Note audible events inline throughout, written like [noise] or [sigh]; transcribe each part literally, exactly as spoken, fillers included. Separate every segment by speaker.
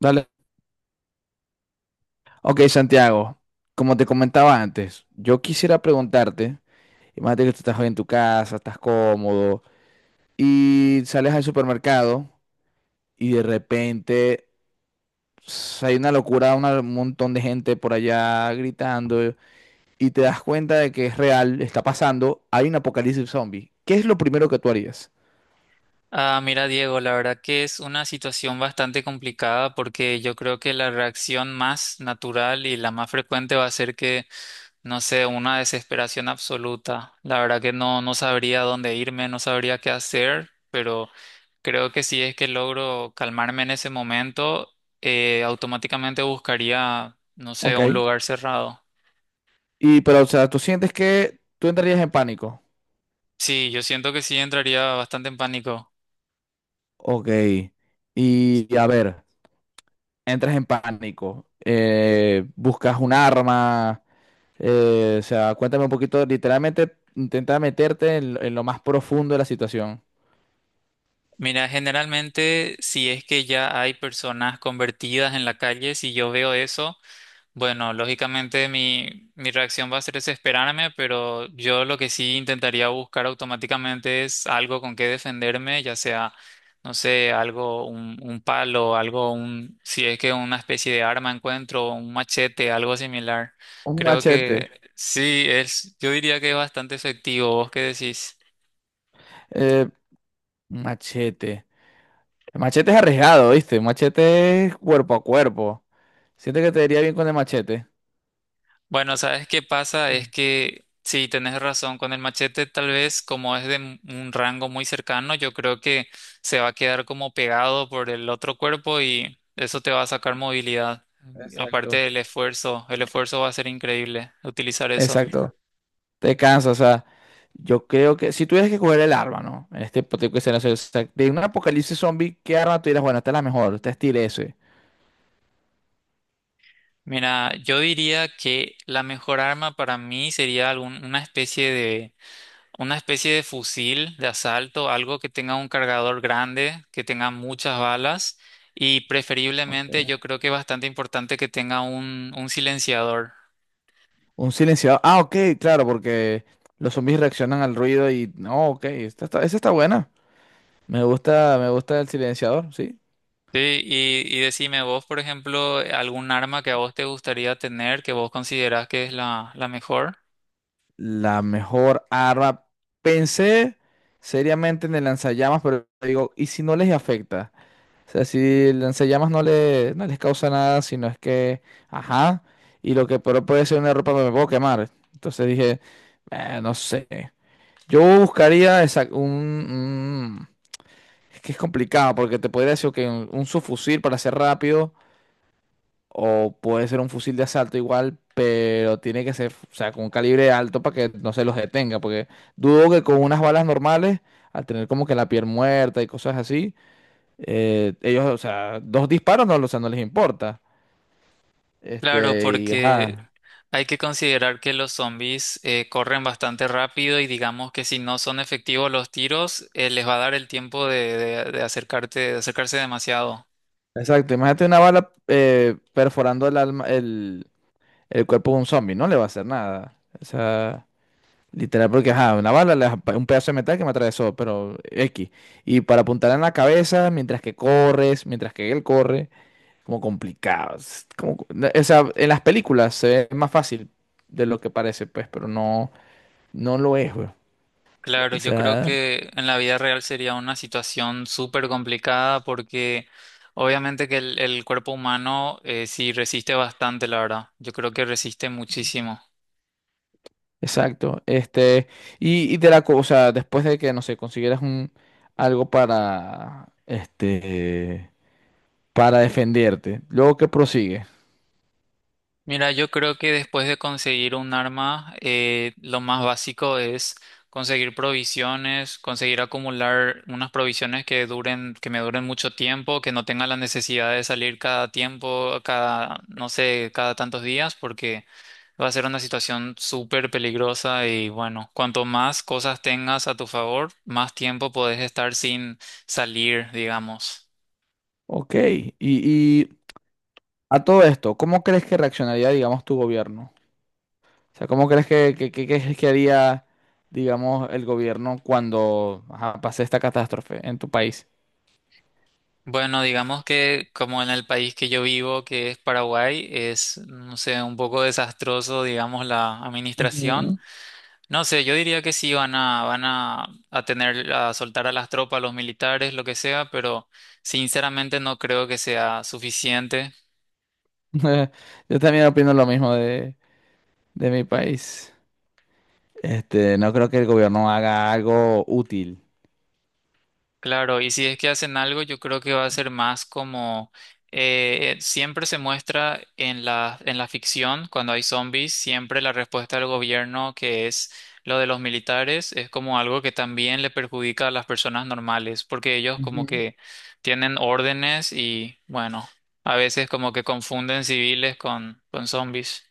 Speaker 1: Dale. Ok, Santiago, como te comentaba antes, yo quisiera preguntarte, imagínate que tú estás hoy en tu casa, estás cómodo y sales al supermercado y de repente, ps, hay una locura, una- un montón de gente por allá gritando y te das cuenta de que es real, está pasando, hay un apocalipsis zombie. ¿Qué es lo primero que tú harías?
Speaker 2: Ah, mira, Diego, la verdad que es una situación bastante complicada porque yo creo que la reacción más natural y la más frecuente va a ser que, no sé, una desesperación absoluta. La verdad que no, no sabría dónde irme, no sabría qué hacer, pero creo que si es que logro calmarme en ese momento, eh, automáticamente buscaría, no sé, un
Speaker 1: Ok.
Speaker 2: lugar cerrado.
Speaker 1: Y pero, o sea, tú sientes que tú entrarías en pánico.
Speaker 2: Sí, yo siento que sí entraría bastante en pánico.
Speaker 1: Ok. Y a ver, entras en pánico, eh, buscas un arma, eh, o sea, cuéntame un poquito, literalmente intenta meterte en, lo en lo más profundo de la situación.
Speaker 2: Mira, generalmente si es que ya hay personas convertidas en la calle, si yo veo eso, bueno, lógicamente mi, mi reacción va a ser desesperarme, pero yo lo que sí intentaría buscar automáticamente es algo con que defenderme, ya sea, no sé, algo, un, un palo, algo, un, si es que una especie de arma encuentro, un machete, algo similar.
Speaker 1: Un
Speaker 2: Creo
Speaker 1: machete.
Speaker 2: que sí, es, yo diría que es bastante efectivo. ¿Vos qué decís?
Speaker 1: eh, un machete. El machete es arriesgado, ¿viste? El machete es cuerpo a cuerpo. Siento que te iría bien con el machete.
Speaker 2: Bueno, ¿sabes qué pasa? Es
Speaker 1: Mm.
Speaker 2: que sí, tenés razón, con el machete tal vez como es de m- un rango muy cercano, yo creo que se va a quedar como pegado por el otro cuerpo y eso te va a sacar movilidad. Aparte
Speaker 1: Exacto.
Speaker 2: del esfuerzo, el esfuerzo va a ser increíble utilizar eso.
Speaker 1: Exacto. Te cansa, o sea, yo creo que si tuvieras que coger el arma, ¿no? En este hipotético escenario, o sea, de un apocalipsis zombie, ¿qué arma tú dirás? Bueno, esta es la mejor, esta es tire ese.
Speaker 2: Mira, yo diría que la mejor arma para mí sería algún- una especie de una especie de fusil de asalto, algo que tenga un cargador grande, que tenga muchas balas y
Speaker 1: Ok.
Speaker 2: preferiblemente yo creo que es bastante importante que tenga un, un silenciador.
Speaker 1: Un silenciador. Ah, ok, claro, porque los zombies reaccionan al ruido y… No, ok, esta está, esa está buena. Me gusta, me gusta el silenciador, sí.
Speaker 2: Sí, y, y decime vos, por ejemplo, algún arma que a vos te gustaría tener, que vos considerás que es la, la mejor.
Speaker 1: La mejor arma. Pensé seriamente en el lanzallamas, pero digo, ¿y si no les afecta? O sea, si el lanzallamas no, le, no les causa nada, sino es que, ajá, y lo que pero puede ser una ropa me puedo quemar. Entonces dije: "Eh, no sé. Yo buscaría, esa- un, es que es complicado porque te podría decir que un subfusil para ser rápido o puede ser un fusil de asalto igual, pero tiene que ser, o sea, con un calibre alto para que no se los detenga, porque dudo que con unas balas normales, al tener como que la piel muerta y cosas así, eh, ellos, o sea, dos disparos no, o sea, no les importa.
Speaker 2: Claro,
Speaker 1: Este, y
Speaker 2: porque
Speaker 1: ajá,
Speaker 2: hay que considerar que los zombies eh, corren bastante rápido y digamos que si no son efectivos los tiros, eh, les va a dar el tiempo de, de- de acercarte, de acercarse demasiado.
Speaker 1: exacto, imagínate una bala, eh, perforando el alma, el, el cuerpo de un zombie, no le va a hacer nada. O sea, literal, porque ajá, una bala, la- un pedazo de metal que me atravesó, pero X. Y para apuntar en la cabeza, mientras que corres, mientras que él corre, como complicado. Es como- no, o sea, en las películas se ve más fácil de lo que parece, pues, pero no, no lo es, güey.
Speaker 2: Claro,
Speaker 1: O
Speaker 2: yo creo
Speaker 1: sea,
Speaker 2: que en la vida real sería una situación súper complicada porque obviamente que el, el cuerpo humano eh, sí resiste bastante, la verdad. Yo creo que resiste muchísimo.
Speaker 1: exacto. Este, y, y de la cosa, después de que, no sé, consiguieras un algo para, este, para defenderte. Luego que prosigue.
Speaker 2: Mira, yo creo que después de conseguir un arma, eh, lo más básico es conseguir provisiones, conseguir acumular unas provisiones que duren, que me duren mucho tiempo, que no tenga la necesidad de salir cada tiempo, cada, no sé, cada tantos días, porque va a ser una situación súper peligrosa y bueno, cuanto más cosas tengas a tu favor, más tiempo podés estar sin salir, digamos.
Speaker 1: Ok, y, a todo esto, ¿cómo crees que reaccionaría, digamos, tu gobierno? O sea, ¿cómo crees que, que, que- que- que haría, digamos, el gobierno cuando ajá, pase esta catástrofe en tu país?
Speaker 2: Bueno, digamos que como en el país que yo vivo, que es Paraguay, es, no sé, un poco desastroso, digamos, la administración.
Speaker 1: Ujú.
Speaker 2: No sé, yo diría que sí van a, van a, a tener, a soltar a las tropas, a los militares, lo que sea, pero sinceramente no creo que sea suficiente.
Speaker 1: [laughs] Yo también opino lo mismo de, de mi país. Este, no creo que el gobierno haga algo útil.
Speaker 2: Claro, y si es que hacen algo, yo creo que va a ser más como eh, siempre se muestra en la, en la ficción, cuando hay zombies, siempre la respuesta del gobierno, que es lo de los militares, es como algo que también le perjudica a las personas normales, porque ellos como
Speaker 1: Ujú.
Speaker 2: que tienen órdenes y bueno, a veces como que confunden civiles con, con zombies.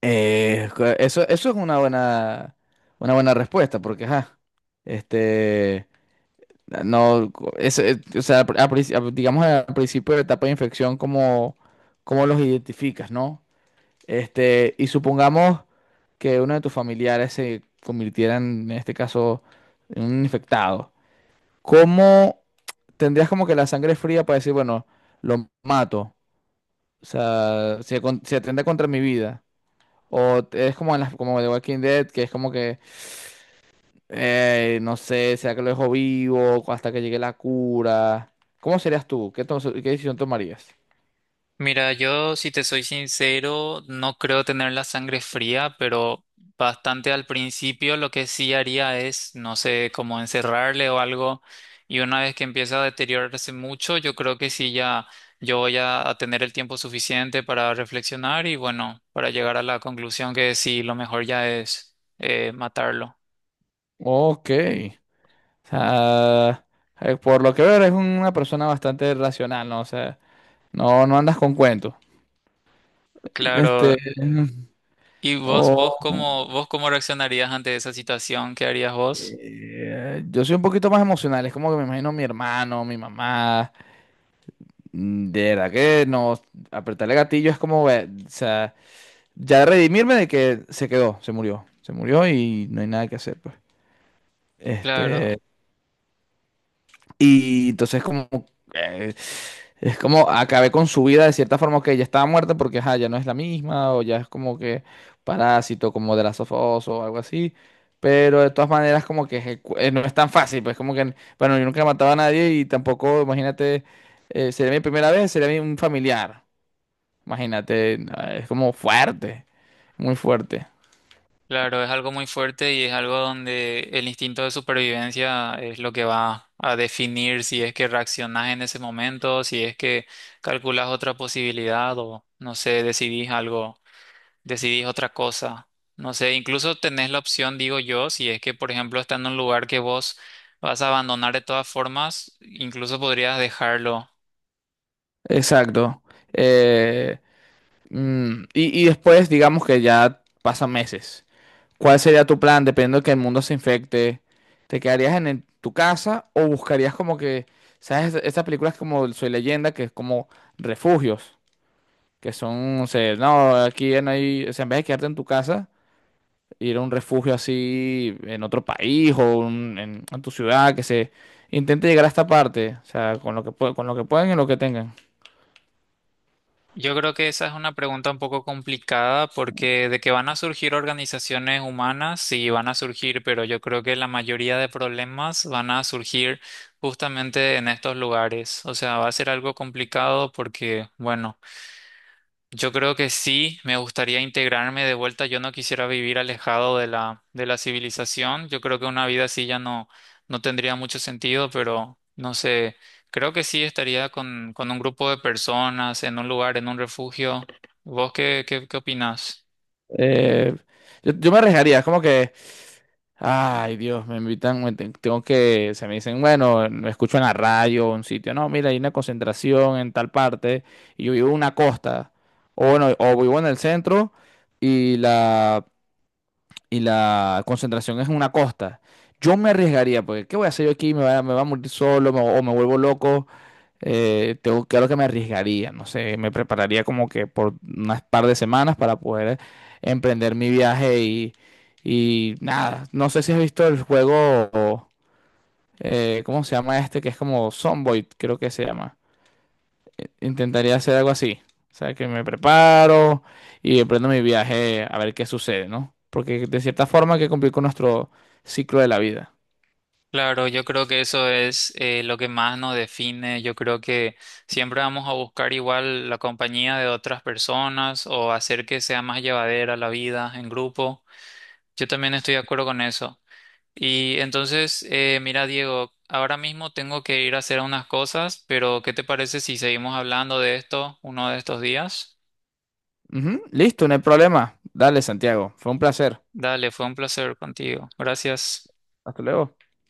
Speaker 1: Eh, cu- eso, eso es una buena, una buena respuesta, porque, ajá, este, no, co- es- es- o sea, al pri- al princi- al- digamos al principio de la etapa de infección, ¿cómo, ¿cómo los identificas, no? Este, y supongamos que uno de tus familiares se convirtiera en, este caso, en un infectado. ¿Cómo tendrías como que la sangre fría para decir, bueno, lo mato? O sea, se, con- se atenta contra mi vida. O t- es como en las, como The Walking Dead, que es como que, eh, no sé, sea que lo dejo vivo hasta que llegue la cura. ¿Cómo serías tú? ¿Qué, to- ¿qué decisión tomarías?
Speaker 2: Mira, yo si te soy sincero, no creo tener la sangre fría, pero bastante al principio lo que sí haría es, no sé, como encerrarle o algo. Y una vez que empieza a deteriorarse mucho, yo creo que sí ya yo voy a, a tener el tiempo suficiente para reflexionar y bueno, para llegar a la conclusión que sí, lo mejor ya es eh, matarlo.
Speaker 1: Ok. O sea, eh, por lo que veo eres una persona bastante racional, ¿no? O sea, no, no andas con cuentos. Este,
Speaker 2: Claro. ¿Y vos, vos
Speaker 1: o
Speaker 2: cómo, vos cómo reaccionarías ante esa situación? ¿Qué harías vos?
Speaker 1: eh, Yo soy un poquito más emocional, es como que me imagino a mi hermano, mi mamá, mm, de verdad que no, apretarle gatillo es como, eh, o sea, ya redimirme de que se quedó, se murió, se murió y no hay nada que hacer, pues.
Speaker 2: Claro.
Speaker 1: Este, Y entonces como eh, es como acabé con su vida de cierta forma que ya estaba muerta porque ajá, ya no es la misma o ya es como que parásito como de la of Us o algo así. Pero de todas maneras como que ejecu- eh, no es tan fácil, pues como que bueno, yo nunca he matado a nadie y tampoco, imagínate, eh, sería mi primera vez, sería mi- un familiar. Imagínate, no, es como fuerte, muy fuerte.
Speaker 2: Claro, es algo muy fuerte y es algo donde el instinto de supervivencia es lo que va a definir si es que reaccionás en ese momento, si es que calculas otra posibilidad o no sé, decidís algo, decidís otra cosa. No sé, incluso tenés la opción, digo yo, si es que por ejemplo está en un lugar que vos vas a abandonar de todas formas, incluso podrías dejarlo.
Speaker 1: Exacto. Eh, mm, y, y después digamos que ya pasan meses. ¿Cuál sería tu plan dependiendo de que el mundo se infecte? ¿Te quedarías en el- tu casa o buscarías como que, sabes, estas películas como Soy Leyenda, que es como refugios, que son, o sea, no, aquí ya no hay, o sea, en vez de quedarte en tu casa, ir a un refugio así en otro país o un- en, en tu ciudad, que se intente llegar a esta parte, o sea, con lo que, pue- con lo que pueden y lo que tengan.
Speaker 2: Yo creo que esa es una pregunta un poco complicada porque de que van a surgir organizaciones humanas, sí van a surgir, pero yo creo que la mayoría de problemas van a surgir justamente en estos lugares. O sea, va a ser algo complicado porque, bueno. Yo creo que sí, me gustaría integrarme de vuelta. Yo no quisiera vivir alejado de la, de la civilización. Yo creo que una vida así ya no, no tendría mucho sentido, pero no sé, creo que sí estaría con, con un grupo de personas, en un lugar, en un refugio. ¿Vos qué, qué, qué opinás?
Speaker 1: Eh, yo, yo me arriesgaría, es como que ay, Dios, me invitan, me ten- tengo que, se me dicen, bueno, me escucho en la radio, un sitio, no, mira, hay una concentración en tal parte, y yo vivo en una costa, o bueno, o vivo en el centro, y la y la concentración es en una costa. Yo me arriesgaría, porque ¿qué voy a hacer yo aquí? ¿Me va, me va a morir solo, me- o me vuelvo loco? Eh, tengo, claro que me arriesgaría, no sé, me prepararía como que por unas par de semanas para poder emprender mi viaje y, y nada, no sé si has visto el juego, eh, ¿cómo se llama este? Que es como Zomboid, creo que se llama, intentaría hacer algo así. O sea, que me preparo y emprendo mi viaje a ver qué sucede, ¿no? Porque de cierta forma hay que cumplir con nuestro ciclo de la vida.
Speaker 2: Claro, yo creo que eso es eh, lo que más nos define. Yo creo que siempre vamos a buscar igual la compañía de otras personas o hacer que sea más llevadera la vida en grupo. Yo también estoy de acuerdo con eso. Y entonces, eh, mira, Diego, ahora mismo tengo que ir a hacer unas cosas, pero ¿qué te parece si seguimos hablando de esto uno de estos días?
Speaker 1: Ujú, listo, no hay problema. Dale, Santiago. Fue un placer.
Speaker 2: Dale, fue un placer contigo. Gracias.
Speaker 1: Hasta luego.